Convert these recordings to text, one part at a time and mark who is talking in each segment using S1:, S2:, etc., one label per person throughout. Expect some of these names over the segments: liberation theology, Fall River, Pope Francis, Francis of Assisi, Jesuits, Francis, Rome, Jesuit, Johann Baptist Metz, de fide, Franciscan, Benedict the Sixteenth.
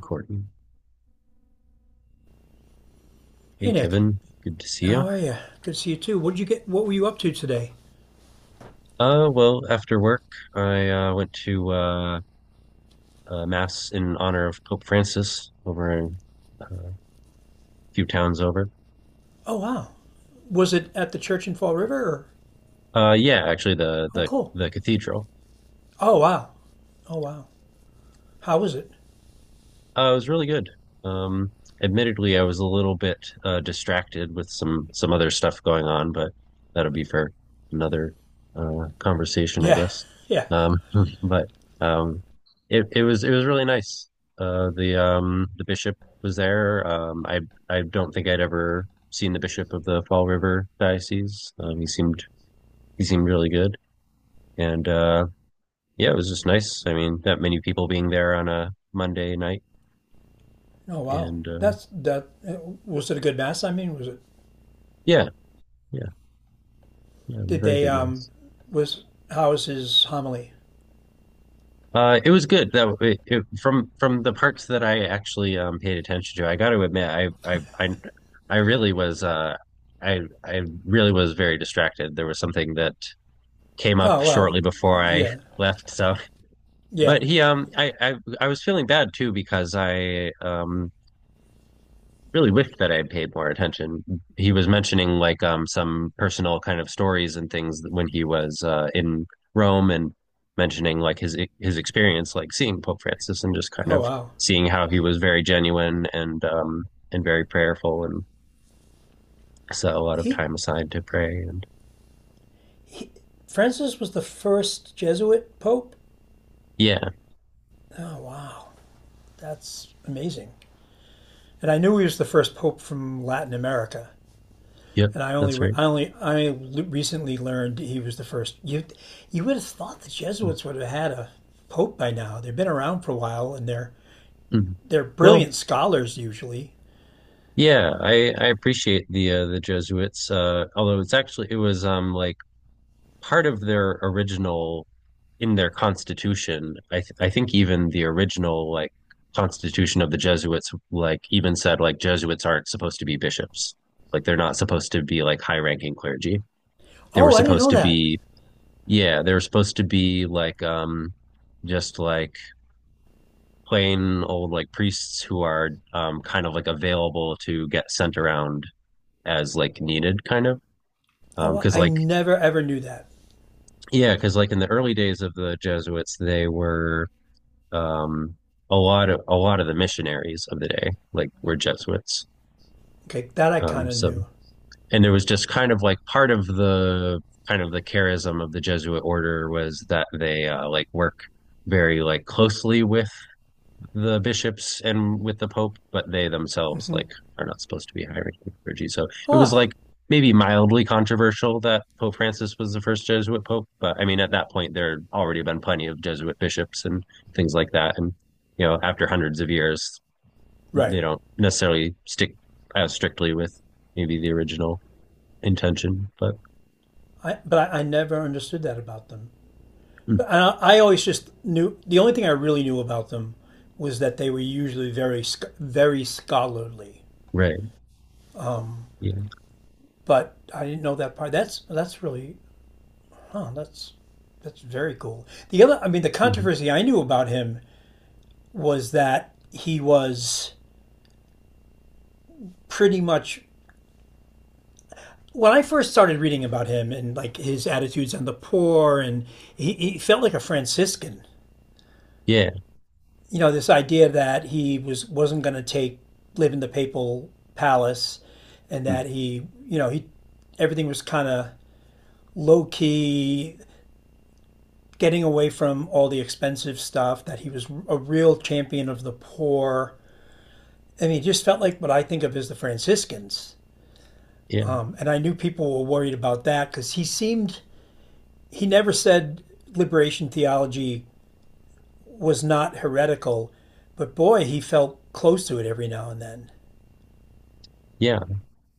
S1: Courtney. Hey,
S2: Hey Nick,
S1: Kevin. Good to see you.
S2: how are you? Good to see you too. What did you get? What were you up to today?
S1: Well, after work, I went to Mass in honor of Pope Francis over in, uh, a few towns over.
S2: Oh wow, was it at the church in Fall River? Or?
S1: Yeah, actually, the
S2: Oh
S1: the
S2: cool.
S1: the cathedral.
S2: Oh wow. Oh wow. How was it?
S1: It was really good. Um, Admittedly, I was a little bit distracted with some other stuff going on, but that'll be for another conversation, I
S2: Yeah,
S1: guess.
S2: yeah.
S1: Um, but um, it it was it was really nice. The bishop was there. I don't think I'd ever seen the bishop of the Fall River diocese. He seemed really good, and yeah, it was just nice. I mean, that many people being there on a Monday night,
S2: Oh wow.
S1: and
S2: That's that. Was it a good mass? I mean, was it?
S1: yeah. Yeah, yeah,
S2: Did
S1: very
S2: they
S1: good,
S2: um?
S1: Max.
S2: Was how was his homily?
S1: It was good that it, from the parts that I actually paid attention to. I got to admit, I really was I really was very distracted. There was something that came up
S2: Oh well,
S1: shortly before I
S2: yeah,
S1: left, so.
S2: yeah.
S1: But he I was feeling bad too because I really wish that I had paid more attention. He was mentioning some personal kind of stories and things when he was in Rome and mentioning like his experience like seeing Pope Francis and just kind
S2: Oh
S1: of
S2: wow.
S1: seeing how he was very genuine and very prayerful and set a lot of
S2: He,
S1: time aside to pray and
S2: he, Francis was the first Jesuit pope.
S1: yeah,
S2: Oh wow, that's amazing. And I knew he was the first pope from Latin America.
S1: yep,
S2: And I only,
S1: that's right.
S2: I only, I recently learned he was the first. You would have thought the Jesuits would have had a pope by now. They've been around for a while, and they're
S1: Mhm.
S2: they're
S1: Well,
S2: brilliant scholars usually.
S1: yeah, I appreciate the Jesuits. Although it was like part of their original in their constitution, I think even the original like constitution of the Jesuits like even said like Jesuits aren't supposed to be bishops. Like they're not supposed to be like high ranking clergy. They were
S2: Oh, I didn't
S1: supposed
S2: know
S1: to
S2: that.
S1: be yeah, they were supposed to be like just like plain old like priests who are kind of like available to get sent around as like needed kind of
S2: Oh,
S1: because
S2: I
S1: like
S2: never ever knew that.
S1: yeah because like in the early days of the jesuits they were Um, a lot of the missionaries of the day, like were Jesuits.
S2: Okay, that I
S1: Um,
S2: kind of
S1: so
S2: knew.
S1: and there was just kind of like part of the kind of the charism of the Jesuit order was that they like work very like closely with the bishops and with the pope, but they themselves like are not supposed to be hiring clergy. So it was
S2: Oh,
S1: like maybe mildly controversial that Pope Francis was the first Jesuit pope, but I mean at that point there had already been plenty of Jesuit bishops and things like that, and you know after hundreds of years they
S2: right.
S1: don't necessarily stick as strictly with maybe the original intention, but
S2: I but I never understood that about them.
S1: mm,
S2: But I always just knew the only thing I really knew about them was that they were usually very scholarly.
S1: right, yeah,
S2: But I didn't know that part. That's really huh, that's very cool. The other, I mean, the
S1: mhm,
S2: controversy I knew about him was that he was pretty much when I first started reading about him and like his attitudes on the poor, and he felt like a Franciscan.
S1: yeah,
S2: You know, this idea that he wasn't going to take live in the papal palace, and
S1: mm,
S2: that he, you know, he everything was kind of low key, getting away from all the expensive stuff, that he was a real champion of the poor. I mean, he just felt like what I think of as the Franciscans.
S1: yeah,
S2: And I knew people were worried about that because he seemed, he never said liberation theology was not heretical, but boy, he felt close to it every now and then.
S1: yeah,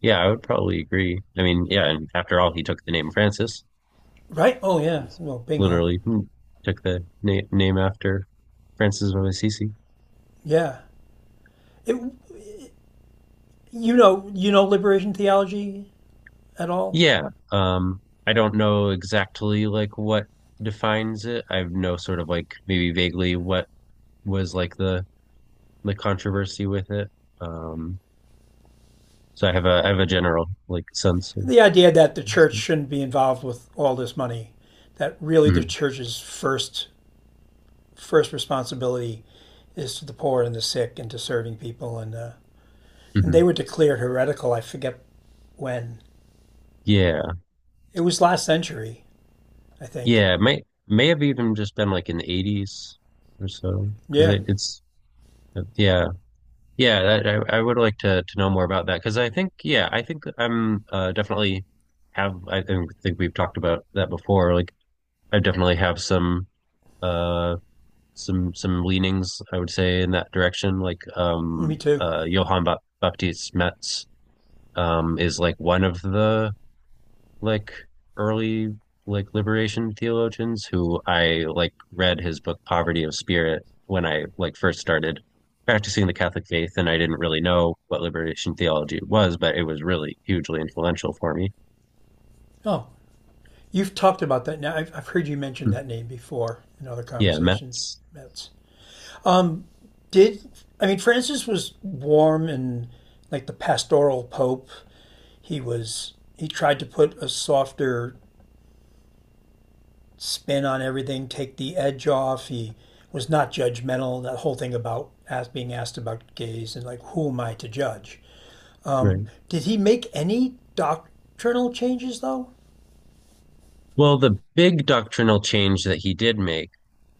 S1: yeah. I would probably agree. I mean, yeah, and after all, he took the name Francis.
S2: Right? Oh, yeah.
S1: He's
S2: Well, bingo.
S1: literally took the na name after Francis of Assisi.
S2: Yeah. It, you know liberation theology at all?
S1: Yeah, I don't know exactly like what defines it. I know sort of like maybe vaguely what was like the controversy with it. Um, so I have a general like sense of.
S2: The idea that the church
S1: So.
S2: shouldn't be involved with all this money, that really the
S1: Mhm,
S2: church's first responsibility is to the poor and the sick and to serving people and
S1: mhm.
S2: they were declared heretical. I forget when
S1: Yeah,
S2: it was last century, I think.
S1: yeah. It may have even just been like in the 80s or so
S2: Yeah,
S1: because it's yeah. Yeah, that, I would like to know more about that because I think yeah, I think I'm definitely have I think we've talked about that before. Like I definitely have uh some leanings I would say in that direction.
S2: me too.
S1: Johann Baptist Metz is like one of the like early like liberation theologians who I like read his book Poverty of Spirit when I like first started practicing the Catholic faith and I didn't really know what liberation theology was, but it was really hugely influential for me.
S2: Oh, you've talked about that now. I've heard you mention
S1: Mm.
S2: that name before in other
S1: Yeah,
S2: conversations.
S1: Metz.
S2: That's did I mean Francis was warm and like the pastoral pope he was he tried to put a softer spin on everything, take the edge off. He was not judgmental. That whole thing about ask, being asked about gays and like who am I to judge?
S1: Right.
S2: Did he make any doctrinal changes though?
S1: Well, the big doctrinal change that he did make,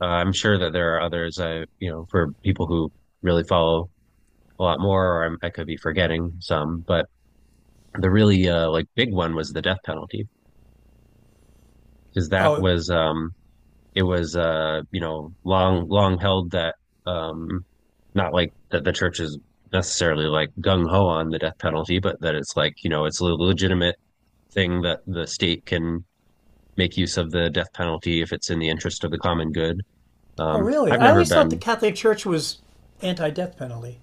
S1: I'm sure that there are others, I, you know, for people who really follow a lot more, or I'm, I could be forgetting some, but the really like big one was the death penalty. Because that
S2: Oh,
S1: was it was you know long long held that um not like that the church is necessarily like gung ho on the death penalty, but that it's like you know it's a legitimate thing that the state can make use of the death penalty if it's in the interest of the common good.
S2: oh really?
S1: I've
S2: I
S1: never
S2: always thought the
S1: been.
S2: Catholic Church was anti-death penalty.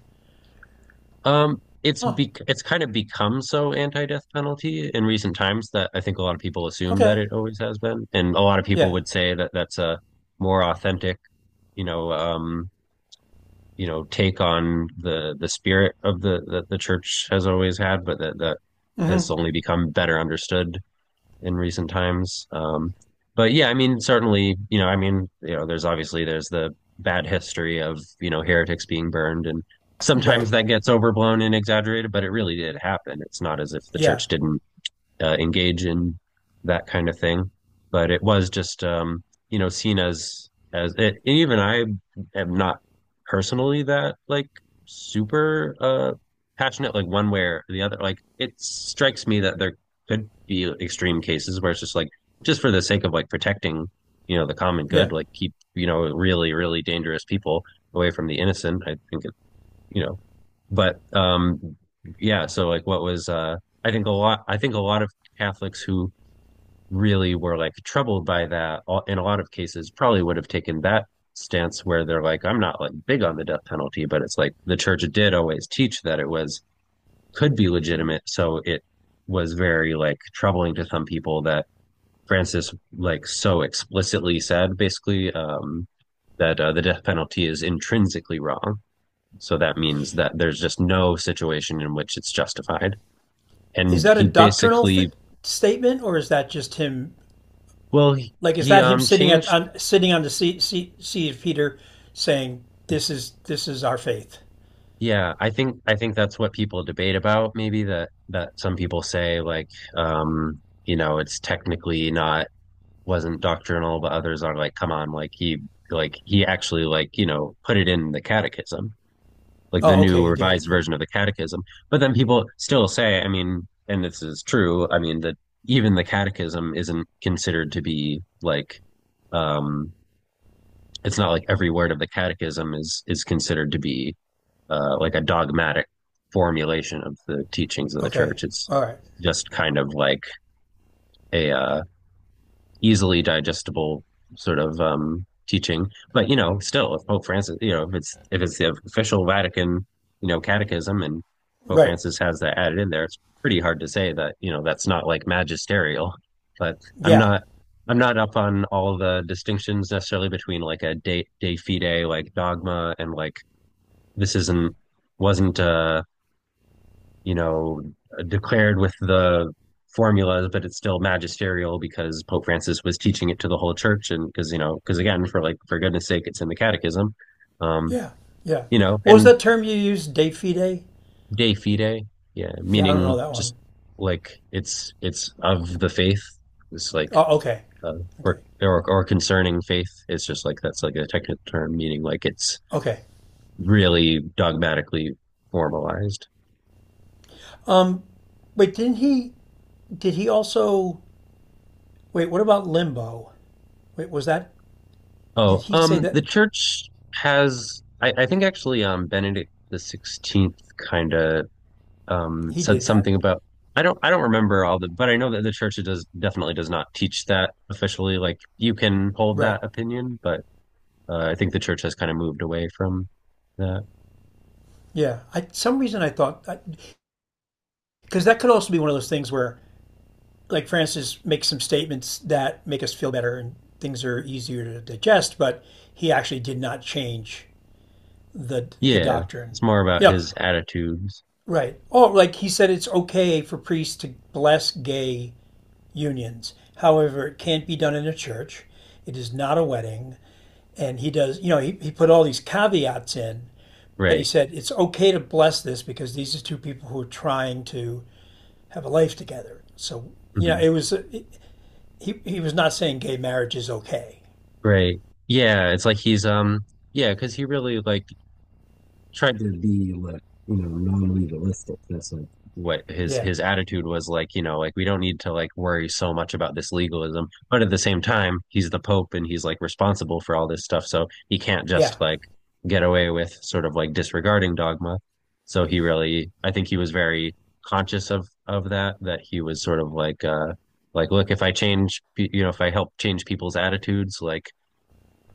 S1: It's
S2: Oh,
S1: it's kind of become so anti-death penalty in recent times that I think a lot of people assume that
S2: okay,
S1: it always has been, and a lot of people
S2: yeah,
S1: would say that that's a more authentic, you know, um, you know take on the spirit of the that the church has always had, but that that has
S2: hmm
S1: only become better understood in recent times. But yeah, I mean, certainly, you know, I mean, you know, there's obviously there's the bad history of you know heretics being burned, and
S2: right,
S1: sometimes that gets overblown and exaggerated, but it really did happen. It's not as if the
S2: yeah,
S1: church didn't engage in that kind of thing. But it was just you know seen as it, and even I am not personally that like super passionate like one way or the other. Like it strikes me that there could be extreme cases where it's just like just for the sake of like protecting you know the common good,
S2: yeah.
S1: like keep you know really really dangerous people away from the innocent. I think you know, but yeah. So like, what was I think a lot. I think a lot of Catholics who really were like troubled by that, in a lot of cases, probably would have taken that stance where they're like, I'm not like big on the death penalty, but it's like the church did always teach that it was could be legitimate. So it was very like troubling to some people that Francis like so explicitly said, basically, that the death penalty is intrinsically wrong so that means that there's just no situation in which it's justified.
S2: Is
S1: And
S2: that a
S1: he basically,
S2: statement, or is that just him?
S1: well, he,
S2: Like, is
S1: he
S2: that him
S1: um
S2: sitting at
S1: changed.
S2: on sitting on the seat of Peter, saying, this is our faith."
S1: Yeah, I think that's what people debate about. Maybe that that some people say like, you know, it's technically not wasn't doctrinal, but others are like, come on, like he actually like you know put it in the catechism. Like the
S2: Oh,
S1: new
S2: okay, he did.
S1: revised
S2: Yeah.
S1: version of the catechism. But then people still say, I mean, and this is true, I mean, that even the catechism isn't considered to be like, um, it's not like every word of the catechism is considered to be like a dogmatic formulation of the teachings of the
S2: Okay.
S1: church. It's
S2: All right.
S1: just kind of like a easily digestible sort of teaching. But you know, still, if Pope Francis, you know, if it's the official Vatican, you know, catechism, and Pope
S2: Right.
S1: Francis has that added in there, it's pretty hard to say that you know that's not like magisterial. But I'm
S2: Yeah.
S1: not I'm not up on all the distinctions necessarily between like a de fide like dogma and like this isn't wasn't you know, declared with the formulas, but it's still magisterial because Pope Francis was teaching it to the whole church. And because, you know, because again, for like, for goodness sake, it's in the catechism, um,
S2: Yeah. Yeah.
S1: you know,
S2: What was
S1: and
S2: that term you used? De fide?
S1: de fide, yeah,
S2: Yeah, I don't know
S1: meaning
S2: that one.
S1: just like it's of the faith. It's like,
S2: Oh, okay.
S1: uh,
S2: Okay.
S1: or, or concerning faith. It's just like, that's like a technical term, meaning like it's
S2: Okay.
S1: really dogmatically formalized.
S2: Um. Wait, didn't he? Did he also? Wait, what about limbo? Wait, was that? Did
S1: Oh,
S2: he say that
S1: the church has, I think actually, Benedict the XVI kind of
S2: he
S1: said
S2: did that?
S1: something about. I don't remember all the, but I know that the church does definitely does not teach that officially. Like you can hold
S2: Right.
S1: that opinion, but I think the church has kind of moved away from that.
S2: Yeah. I some reason I thought because that could also be one of those things where like Francis makes some statements that make us feel better and things are easier to digest, but he actually did not change the
S1: Yeah,
S2: doctrine.
S1: it's more about
S2: You know,
S1: his attitudes,
S2: right. Oh, like he said it's okay for priests to bless gay unions. However, it can't be done in a church. It is not a wedding. And he does, you know, he put all these caveats in, but he
S1: right?
S2: said it's okay to bless this because these are two people who are trying to have a life together. So, you know,
S1: Mhm.
S2: he was not saying gay marriage is okay.
S1: Right. Yeah, it's like he's yeah, because he really like tried to be like you know non-legalistic. That's like what his
S2: Yeah,
S1: his attitude was like. You know, like we don't need to like worry so much about this legalism, but at the same time, he's the Pope and he's like responsible for all this stuff, so he can't
S2: yeah,
S1: just like get away with sort of like disregarding dogma. So he really, I think he was very conscious of that. That he was sort of like look, if I change, you know, if I help change people's attitudes, like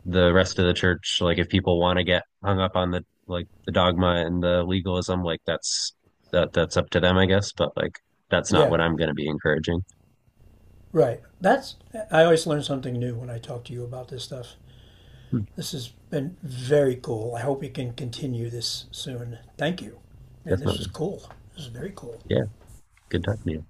S1: the rest of the church like if people want to get hung up on the like the dogma and the legalism like that's that that's up to them I guess but like that's not
S2: yeah.
S1: what I'm going to be encouraging
S2: Right. That's I always learn something new when I talk to you about this stuff.
S1: Hmm.
S2: This has been very cool. I hope we can continue this soon. Thank you. Man, this was
S1: Definitely
S2: cool. This is very cool.
S1: yeah good talking to you